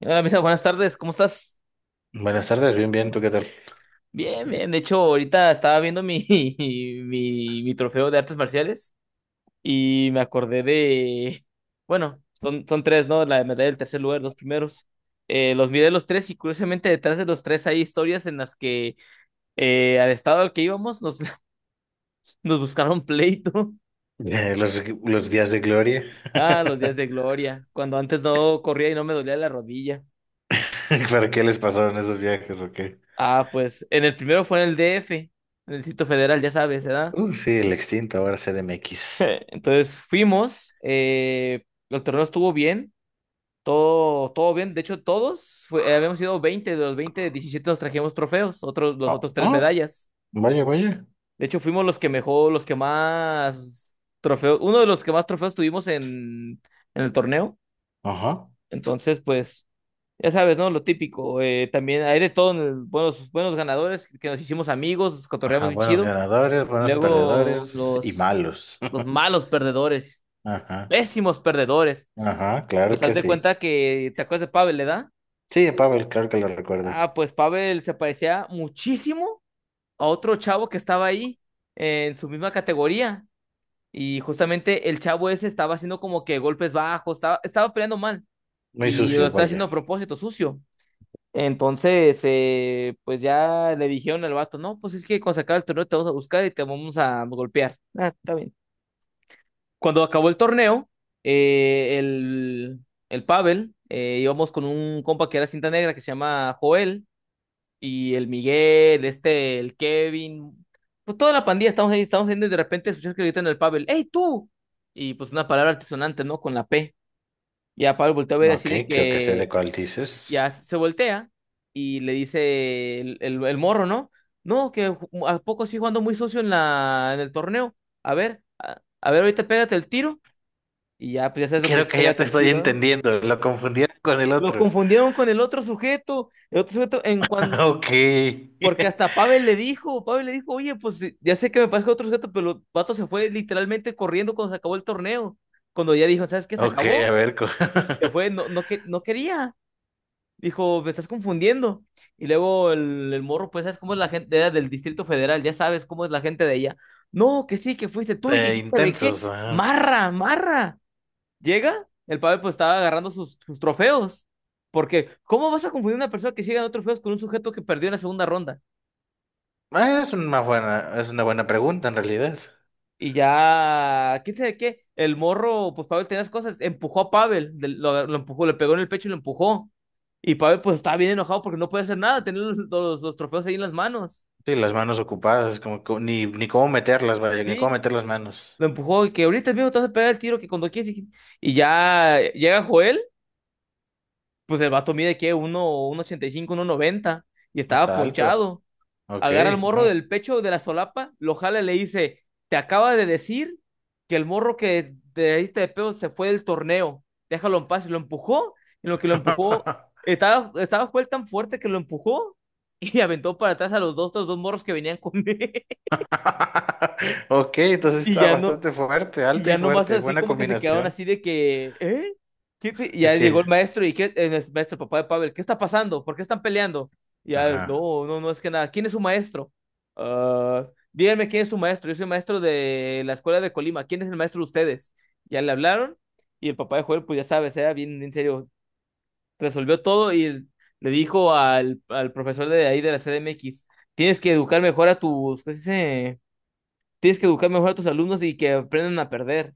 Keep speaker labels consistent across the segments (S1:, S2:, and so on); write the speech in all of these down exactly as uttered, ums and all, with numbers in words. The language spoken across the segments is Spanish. S1: Hola, Misa, buenas tardes, ¿cómo estás?
S2: Buenas tardes, bien, bien, ¿tú qué tal?
S1: Bien, bien. De hecho, ahorita estaba viendo mi, mi, mi trofeo de artes marciales y me acordé de. Bueno, son, son tres, ¿no? La medalla del tercer lugar, los primeros. Eh, los miré los tres y curiosamente detrás de los tres hay historias en las que eh, al estado al que íbamos nos, nos buscaron pleito.
S2: Eh, los, los días de gloria.
S1: Ah, los días de gloria, cuando antes no corría y no me dolía la rodilla.
S2: ¿Para qué les pasaron esos viajes o qué?
S1: Ah, pues en el primero fue en el D F, en el Distrito Federal, ya sabes, ¿verdad?
S2: Uh, sí, el extinto, ahora C D M X.
S1: Entonces fuimos, eh, el torneo estuvo bien, todo, todo bien. De hecho, todos, fue- eh, habíamos ido veinte de los veinte diecisiete nos trajimos trofeos, otros, los otros
S2: Oh,
S1: tres
S2: oh,
S1: medallas.
S2: vaya, vaya.
S1: De hecho, fuimos los que mejor, los que más trofeos, uno de los que más trofeos tuvimos en, en el torneo.
S2: Ajá.
S1: Entonces, pues, ya sabes, ¿no? Lo típico. eh, también hay de todo, en el- buenos, buenos ganadores, que nos hicimos amigos, cotorreamos
S2: Ajá,
S1: bien
S2: buenos
S1: chido.
S2: ganadores,
S1: Y
S2: buenos
S1: luego
S2: perdedores y
S1: los,
S2: malos.
S1: los malos perdedores,
S2: Ajá,
S1: pésimos perdedores.
S2: ajá, claro
S1: Pues haz
S2: que
S1: de
S2: sí.
S1: cuenta que te acuerdas de Pavel, ¿verdad?
S2: Sí, Pavel, claro que lo recuerdo.
S1: Ah, pues Pavel se parecía muchísimo a otro chavo que estaba ahí eh, en su misma categoría. Y justamente el chavo ese estaba haciendo como que golpes bajos, estaba, estaba peleando mal
S2: Muy
S1: y lo
S2: sucio,
S1: estaba haciendo
S2: vaya.
S1: a propósito, sucio. Entonces, eh, pues ya le dijeron al vato, no, pues es que cuando se acabe el torneo te vamos a buscar y te vamos a golpear. Ah, está bien. Cuando acabó el torneo, eh, el, el Pavel, eh, íbamos con un compa que era cinta negra que se llama Joel, y el Miguel, este, el Kevin, pues toda la pandilla estamos ahí, estamos yendo y de repente escuchas que gritan al Pavel, ¡Ey, tú! Y pues una palabra altisonante, ¿no? Con la P. Y a Pavel volteó a ver así
S2: Ok,
S1: de
S2: creo que sé de
S1: que
S2: cuál dices.
S1: ya se voltea y le dice el, el, el morro, ¿no? No, que ju- a poco sí jugando muy socio en la, en el torneo. A ver, a, a ver, ahorita pégate el tiro y ya, pues ya sabes lo que
S2: Creo
S1: es,
S2: que ya te
S1: pégate el
S2: estoy
S1: tiro, ¿eh?
S2: entendiendo, lo confundieron con el
S1: Lo
S2: otro.
S1: confundieron con el otro sujeto, el otro sujeto, en cuanto,
S2: Ok.
S1: porque hasta Pavel le dijo, Pavel le dijo, oye, pues eh, ya sé que me pasó otro sujeto, pero el vato se fue literalmente corriendo cuando se acabó el torneo. Cuando ya dijo, ¿sabes qué? Se
S2: Ok,
S1: acabó,
S2: a ver, co-
S1: se fue, no, no, que, no quería. Dijo, me estás confundiendo. Y luego el, el morro, pues, ¿sabes cómo es la gente? Era del Distrito Federal, ya sabes cómo es la gente de ella. No, que sí, que fuiste tú y que
S2: de
S1: quién sabe qué.
S2: intensos. Ajá.
S1: Marra, marra. Llega, el Pavel pues estaba agarrando sus, sus trofeos. Porque, ¿cómo vas a confundir una persona que sigue ganando trofeos con un sujeto que perdió en la segunda ronda?
S2: Ah, es una buena, es una buena pregunta en realidad.
S1: Y ya, quién sabe qué, el morro, pues Pavel tenía las cosas, empujó a Pavel, de- lo, lo empujó, le pegó en el pecho y lo empujó. Y Pavel pues estaba bien enojado porque no puede hacer nada, tenía los, los, los trofeos ahí en las manos.
S2: Sí, las manos ocupadas, como co- ni, ni cómo meterlas, vaya, ni cómo
S1: Sí,
S2: meter las manos.
S1: lo empujó y que ahorita mismo te vas a pegar el tiro que cuando quieres. Y, y ya llega Joel, pues el vato mide que uno, uno ochenta y cinco uno noventa y
S2: No
S1: estaba
S2: está alto.
S1: ponchado.
S2: Ok,
S1: Agarra al morro
S2: no.
S1: del pecho de la solapa, lo jala y le dice, te acaba de decir que el morro que te diste de pedo se fue del torneo, déjalo en paz, y lo empujó, en lo que lo empujó, estaba, estaba Joel tan fuerte que lo empujó y aventó para atrás a los dos, los dos morros que venían con él.
S2: Ok, entonces
S1: y
S2: está
S1: ya no,
S2: bastante fuerte,
S1: y
S2: alto y
S1: ya nomás
S2: fuerte,
S1: así
S2: buena
S1: como que se quedaron
S2: combinación.
S1: así de que, ¿eh? ¿Qué pe-? Y ya
S2: Ok.
S1: llegó el maestro y ¿qué? El maestro, papá de Pavel, ¿qué está pasando? ¿Por qué están peleando? Y ya,
S2: Ajá.
S1: no, no, no es que nada. ¿Quién es su maestro? Ah, díganme quién es su maestro. Yo soy maestro de la escuela de Colima. ¿Quién es el maestro de ustedes? Ya le hablaron y el papá de Joel, pues ya sabes, era bien en serio. Resolvió todo y le dijo al, al profesor de ahí de la C D M X, tienes que educar mejor a tus, ¿qué se dice? Tienes que educar mejor a tus alumnos y que aprendan a perder.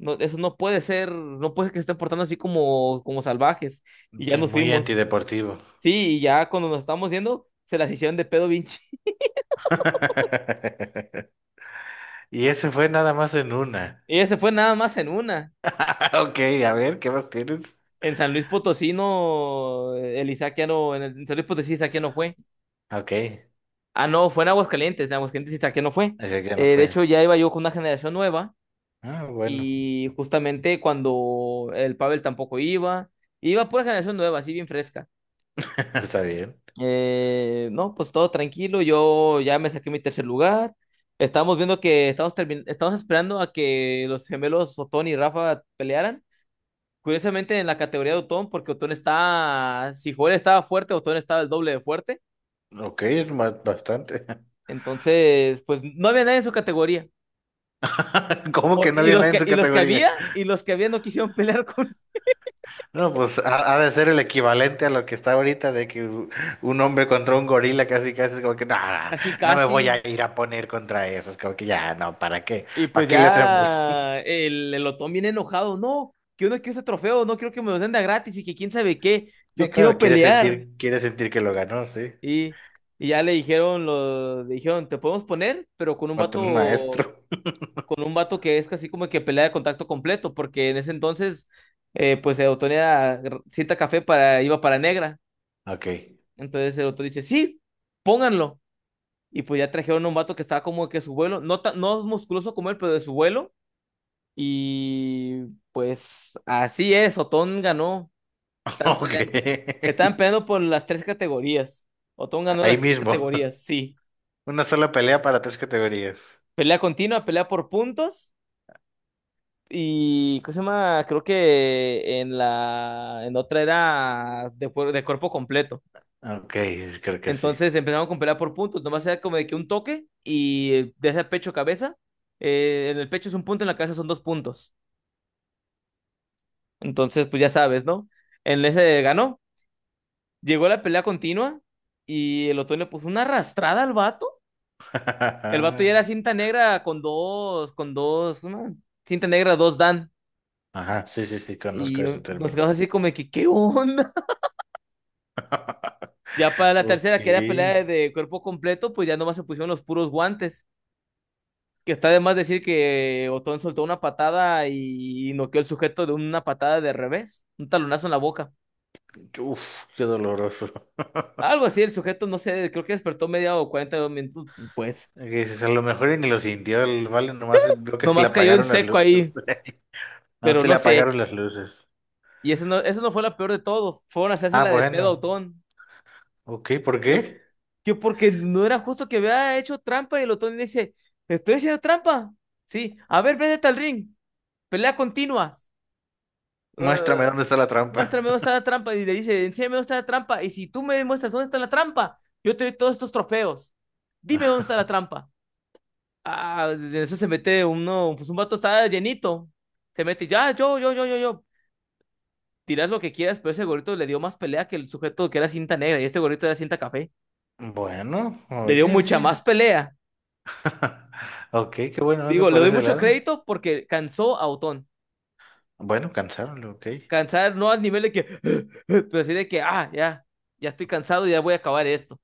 S1: No, eso no puede ser, no puede que se estén portando así como, como salvajes. Y ya
S2: Sí,
S1: nos
S2: muy
S1: fuimos.
S2: antideportivo.
S1: Sí, y ya cuando nos estábamos yendo, se las hicieron de pedo Vinci.
S2: Y ese fue nada más en una.
S1: Ella se fue nada más en una.
S2: Ok, a ver, ¿qué más tienes?
S1: En San Luis Potosí no, el Isaac ya no, en, el- en San Luis Potosí Isaac ya no fue.
S2: Ok.
S1: Ah, no, fue en Aguascalientes, en Aguascalientes Isaac ya no fue.
S2: Así que ya me
S1: Eh, de
S2: fue.
S1: hecho, ya iba yo con una generación nueva
S2: Ah, bueno,
S1: y justamente cuando el Pavel tampoco iba, iba pura generación nueva, así bien fresca.
S2: está bien.
S1: Eh, no, pues todo tranquilo. Yo ya me saqué mi tercer lugar. Estamos viendo que estamos, termin- estamos esperando a que los gemelos Otón y Rafa pelearan. Curiosamente en la categoría de Otón, porque Otón está, si Joel estaba fuerte, Otón estaba el doble de fuerte.
S2: Ok, es ma- bastante.
S1: Entonces, pues no había nadie en su categoría.
S2: ¿Cómo
S1: O-
S2: que no
S1: y
S2: había
S1: los
S2: nadie en
S1: que,
S2: su
S1: y los que había,
S2: categoría?
S1: y los que había no quisieron pelear con
S2: No, pues ha, ha de ser el equivalente a lo que está ahorita de que u- un hombre contra un gorila casi casi es como que no, no,
S1: casi
S2: no me voy
S1: casi.
S2: a ir a poner contra eso. Es como que ya, no, ¿para qué?
S1: Y
S2: ¿Para
S1: pues
S2: qué le hacemos?
S1: ya el, el Otón viene enojado, no, que uno quiere ese trofeo, no quiero que me lo den de a gratis y que quién sabe qué,
S2: Eh,
S1: yo quiero
S2: claro, quiere
S1: pelear.
S2: sentir, quiere sentir que lo ganó, sí.
S1: Y, y ya le dijeron, lo, le dijeron, te podemos poner, pero con un
S2: Contra un
S1: vato,
S2: maestro.
S1: con un vato que es casi como que pelea de contacto completo, porque en ese entonces, eh, pues el Otón era cita café para, iba para negra.
S2: Ok.
S1: Entonces el Otón dice, sí, pónganlo. Y pues ya trajeron a un vato que estaba como que su vuelo, no, tan- no musculoso como él, pero de su vuelo. Y pues así es, Otón ganó. Estaban
S2: Ok.
S1: peleando, estaban peleando por las tres categorías. Otón ganó
S2: Ahí
S1: las tres
S2: mismo.
S1: categorías, sí.
S2: Una sola pelea para tres categorías.
S1: Pelea continua, pelea por puntos. Y, ¿cómo se llama? Creo que en la, en otra era de, cuer- de cuerpo completo.
S2: Ok, creo que sí.
S1: Entonces empezaron con pelea por puntos. Nomás era como de que un toque y de ese pecho cabeza. eh, en el pecho es un punto, en la cabeza son dos puntos. Entonces, pues ya sabes, ¿no? En ese ganó. Llegó la pelea continua y el otoño puso una arrastrada al vato. El vato ya era cinta negra con dos, con dos, una cinta negra, dos Dan.
S2: Ajá, sí, sí, sí, conozco
S1: Y
S2: ese
S1: nos
S2: término.
S1: quedamos así como de que, ¿qué onda? Ya para la tercera, que era
S2: Ok.
S1: pelea de cuerpo completo, pues ya nomás se pusieron los puros guantes. Que está de más decir que Otón soltó una patada y noqueó el sujeto de una patada de revés, un talonazo en la boca.
S2: Uf, qué doloroso.
S1: Algo así, el sujeto, no sé, creo que despertó media o cuarenta minutos después.
S2: Que dices, a lo mejor y ni lo sintió el vale, nomás vio que se le
S1: Nomás cayó en
S2: apagaron las
S1: seco
S2: luces.
S1: ahí,
S2: No,
S1: pero
S2: se le
S1: no sé.
S2: apagaron las luces.
S1: Y eso no, eso no fue la peor de todo. Fueron a hacerse
S2: Ah,
S1: la de pedo a
S2: bueno.
S1: Otón.
S2: Ok, ¿por
S1: Que,
S2: qué?
S1: que porque no era justo que había hecho trampa y el Otón dice, estoy haciendo trampa. Sí, a ver, vete al ring. Pelea continua. Eh,
S2: Muéstrame dónde está la trampa.
S1: Muéstrame dónde está la trampa. Y le dice, enséñame dónde está la trampa. Y si tú me muestras dónde está la trampa, yo te doy todos estos trofeos. Dime dónde está la trampa. Ah, de eso se mete uno, pues un vato está llenito. Se mete, ya, yo, yo, yo, yo, yo. Tiras lo que quieras, pero ese gorrito le dio más pelea que el sujeto que era cinta negra y este gorrito era cinta café.
S2: Bueno,
S1: Le dio
S2: oye,
S1: mucha
S2: oye.
S1: más pelea.
S2: Ok, qué bueno, ¿dónde
S1: Digo, le
S2: por
S1: doy
S2: ese
S1: mucho
S2: lado?
S1: crédito porque cansó a Otón.
S2: Bueno, cansaron, ok.
S1: Cansar no al nivel de que, pero sí de que, ah, ya, ya estoy cansado y ya voy a acabar esto.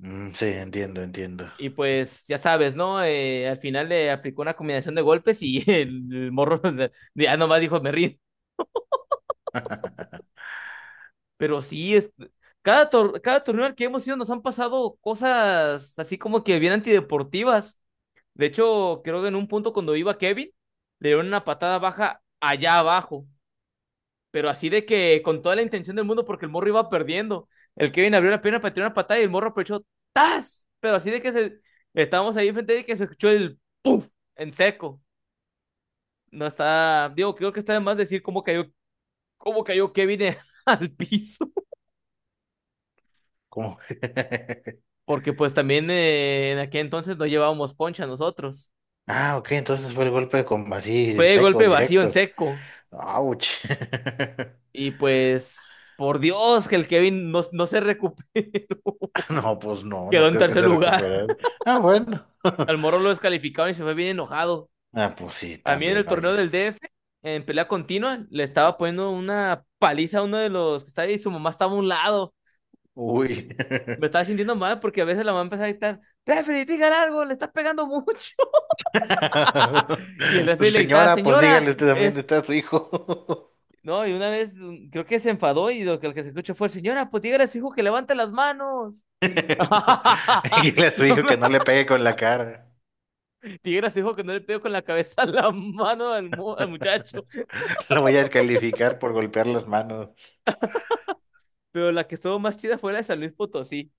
S2: Mm, sí, entiendo, entiendo.
S1: Y pues ya sabes, ¿no? Eh, al final le aplicó una combinación de golpes y el, morro ya nomás dijo, me rindo. Pero sí, es, cada, tor cada torneo al que hemos ido nos han pasado cosas así como que bien antideportivas. De hecho, creo que en un punto cuando iba Kevin, le dieron una patada baja allá abajo, pero así de que con toda la intención del mundo porque el morro iba perdiendo. El Kevin abrió la pierna para tirar una patada y el morro aprovechó ¡tas! Pero así de que se... estábamos ahí enfrente de él que se escuchó el en seco. No está, digo, creo que está de más decir cómo cayó, cómo cayó Kevin en- al piso,
S2: ¿Cómo?
S1: porque pues también eh, en aquel entonces no llevábamos poncha nosotros.
S2: Ah, ok, entonces fue el golpe de com- así en
S1: Fue
S2: seco,
S1: golpe vacío en
S2: directo.
S1: seco.
S2: ¡Auch!
S1: Y pues, por Dios, que el Kevin no, no se recuperó.
S2: No, pues no,
S1: Quedó
S2: no
S1: en
S2: creo que
S1: tercer
S2: se
S1: lugar.
S2: recuperara. Ah, bueno.
S1: Al Moro lo descalificaron y se fue bien enojado.
S2: Ah, pues sí,
S1: A mí en
S2: también,
S1: el torneo
S2: oye.
S1: del D F, en pelea continua, le estaba poniendo una paliza a uno de los que estaba ahí y su mamá estaba a un lado.
S2: Uy.
S1: Me estaba sintiendo mal porque a veces la mamá empezaba a gritar, referee, digan algo, le estás pegando mucho. Y el referee le gritaba,
S2: Señora, pues dígale
S1: señora,
S2: usted también,
S1: es...
S2: está su hijo.
S1: No, y una vez mm, creo que se enfadó y lo que, lo que se escuchó fue, señora, pues dígale a su hijo que levante las manos.
S2: Dígale a su
S1: Yo
S2: hijo
S1: me
S2: que no le pegue con la cara.
S1: Piedra se dijo que no le pegó con la cabeza a la mano al, mu- al muchacho.
S2: Lo voy a descalificar por golpear las manos.
S1: Pero la que estuvo más chida fue la de San Luis Potosí.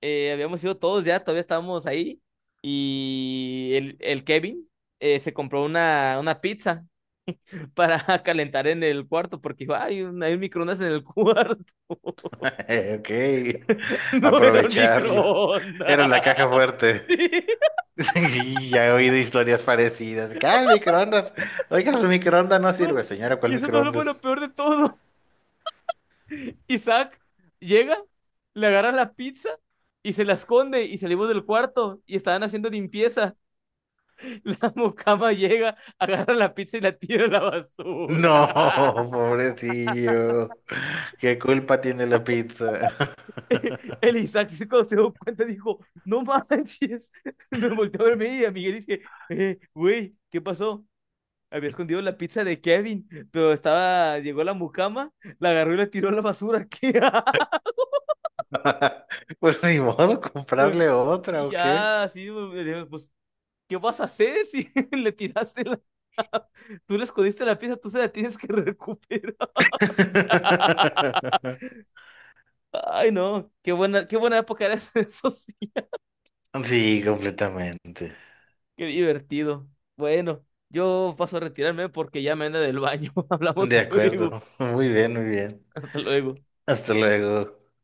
S1: Eh, habíamos ido todos ya, todavía estábamos ahí. Y el, el Kevin eh, se compró una, una pizza para calentar en el cuarto porque dijo, hay un, hay un microondas en el cuarto.
S2: Ok,
S1: No era un
S2: aprovecharlo. Era
S1: microondas.
S2: la caja fuerte.
S1: Sí,
S2: Y ya he oído historias parecidas. Que, ah, el microondas. Oiga, su microondas no
S1: no.
S2: sirve, señora,
S1: Y
S2: ¿cuál
S1: eso no fue
S2: microondas?
S1: lo peor de todo. Isaac llega, le agarra la pizza y se la esconde y salimos del cuarto y estaban haciendo limpieza. La mucama llega, agarra la pizza y la tira a la basura.
S2: No, pobrecillo. ¿Qué culpa tiene la pizza?
S1: El Isaac se cuando se dio cuenta dijo, no manches. Me volteó a verme y a Miguel dije, eh, güey, ¿qué pasó? Había escondido la pizza de Kevin, pero estaba, llegó la mucama, la agarró y la tiró a la basura. ¿Qué?
S2: Pues ni modo,
S1: Pues,
S2: comprarle otra,
S1: y
S2: ¿o qué?
S1: ya, así, pues, ¿qué vas a hacer si le tiraste la... Tú le escondiste la pieza, tú se la tienes que recuperar. Ay, no, qué buena, qué buena época era esa, eso sí,
S2: Sí, completamente.
S1: qué divertido. Bueno, yo paso a retirarme porque ya me anda del baño. Hablamos
S2: De
S1: luego.
S2: acuerdo. Muy bien, muy bien.
S1: Hasta luego.
S2: Hasta luego.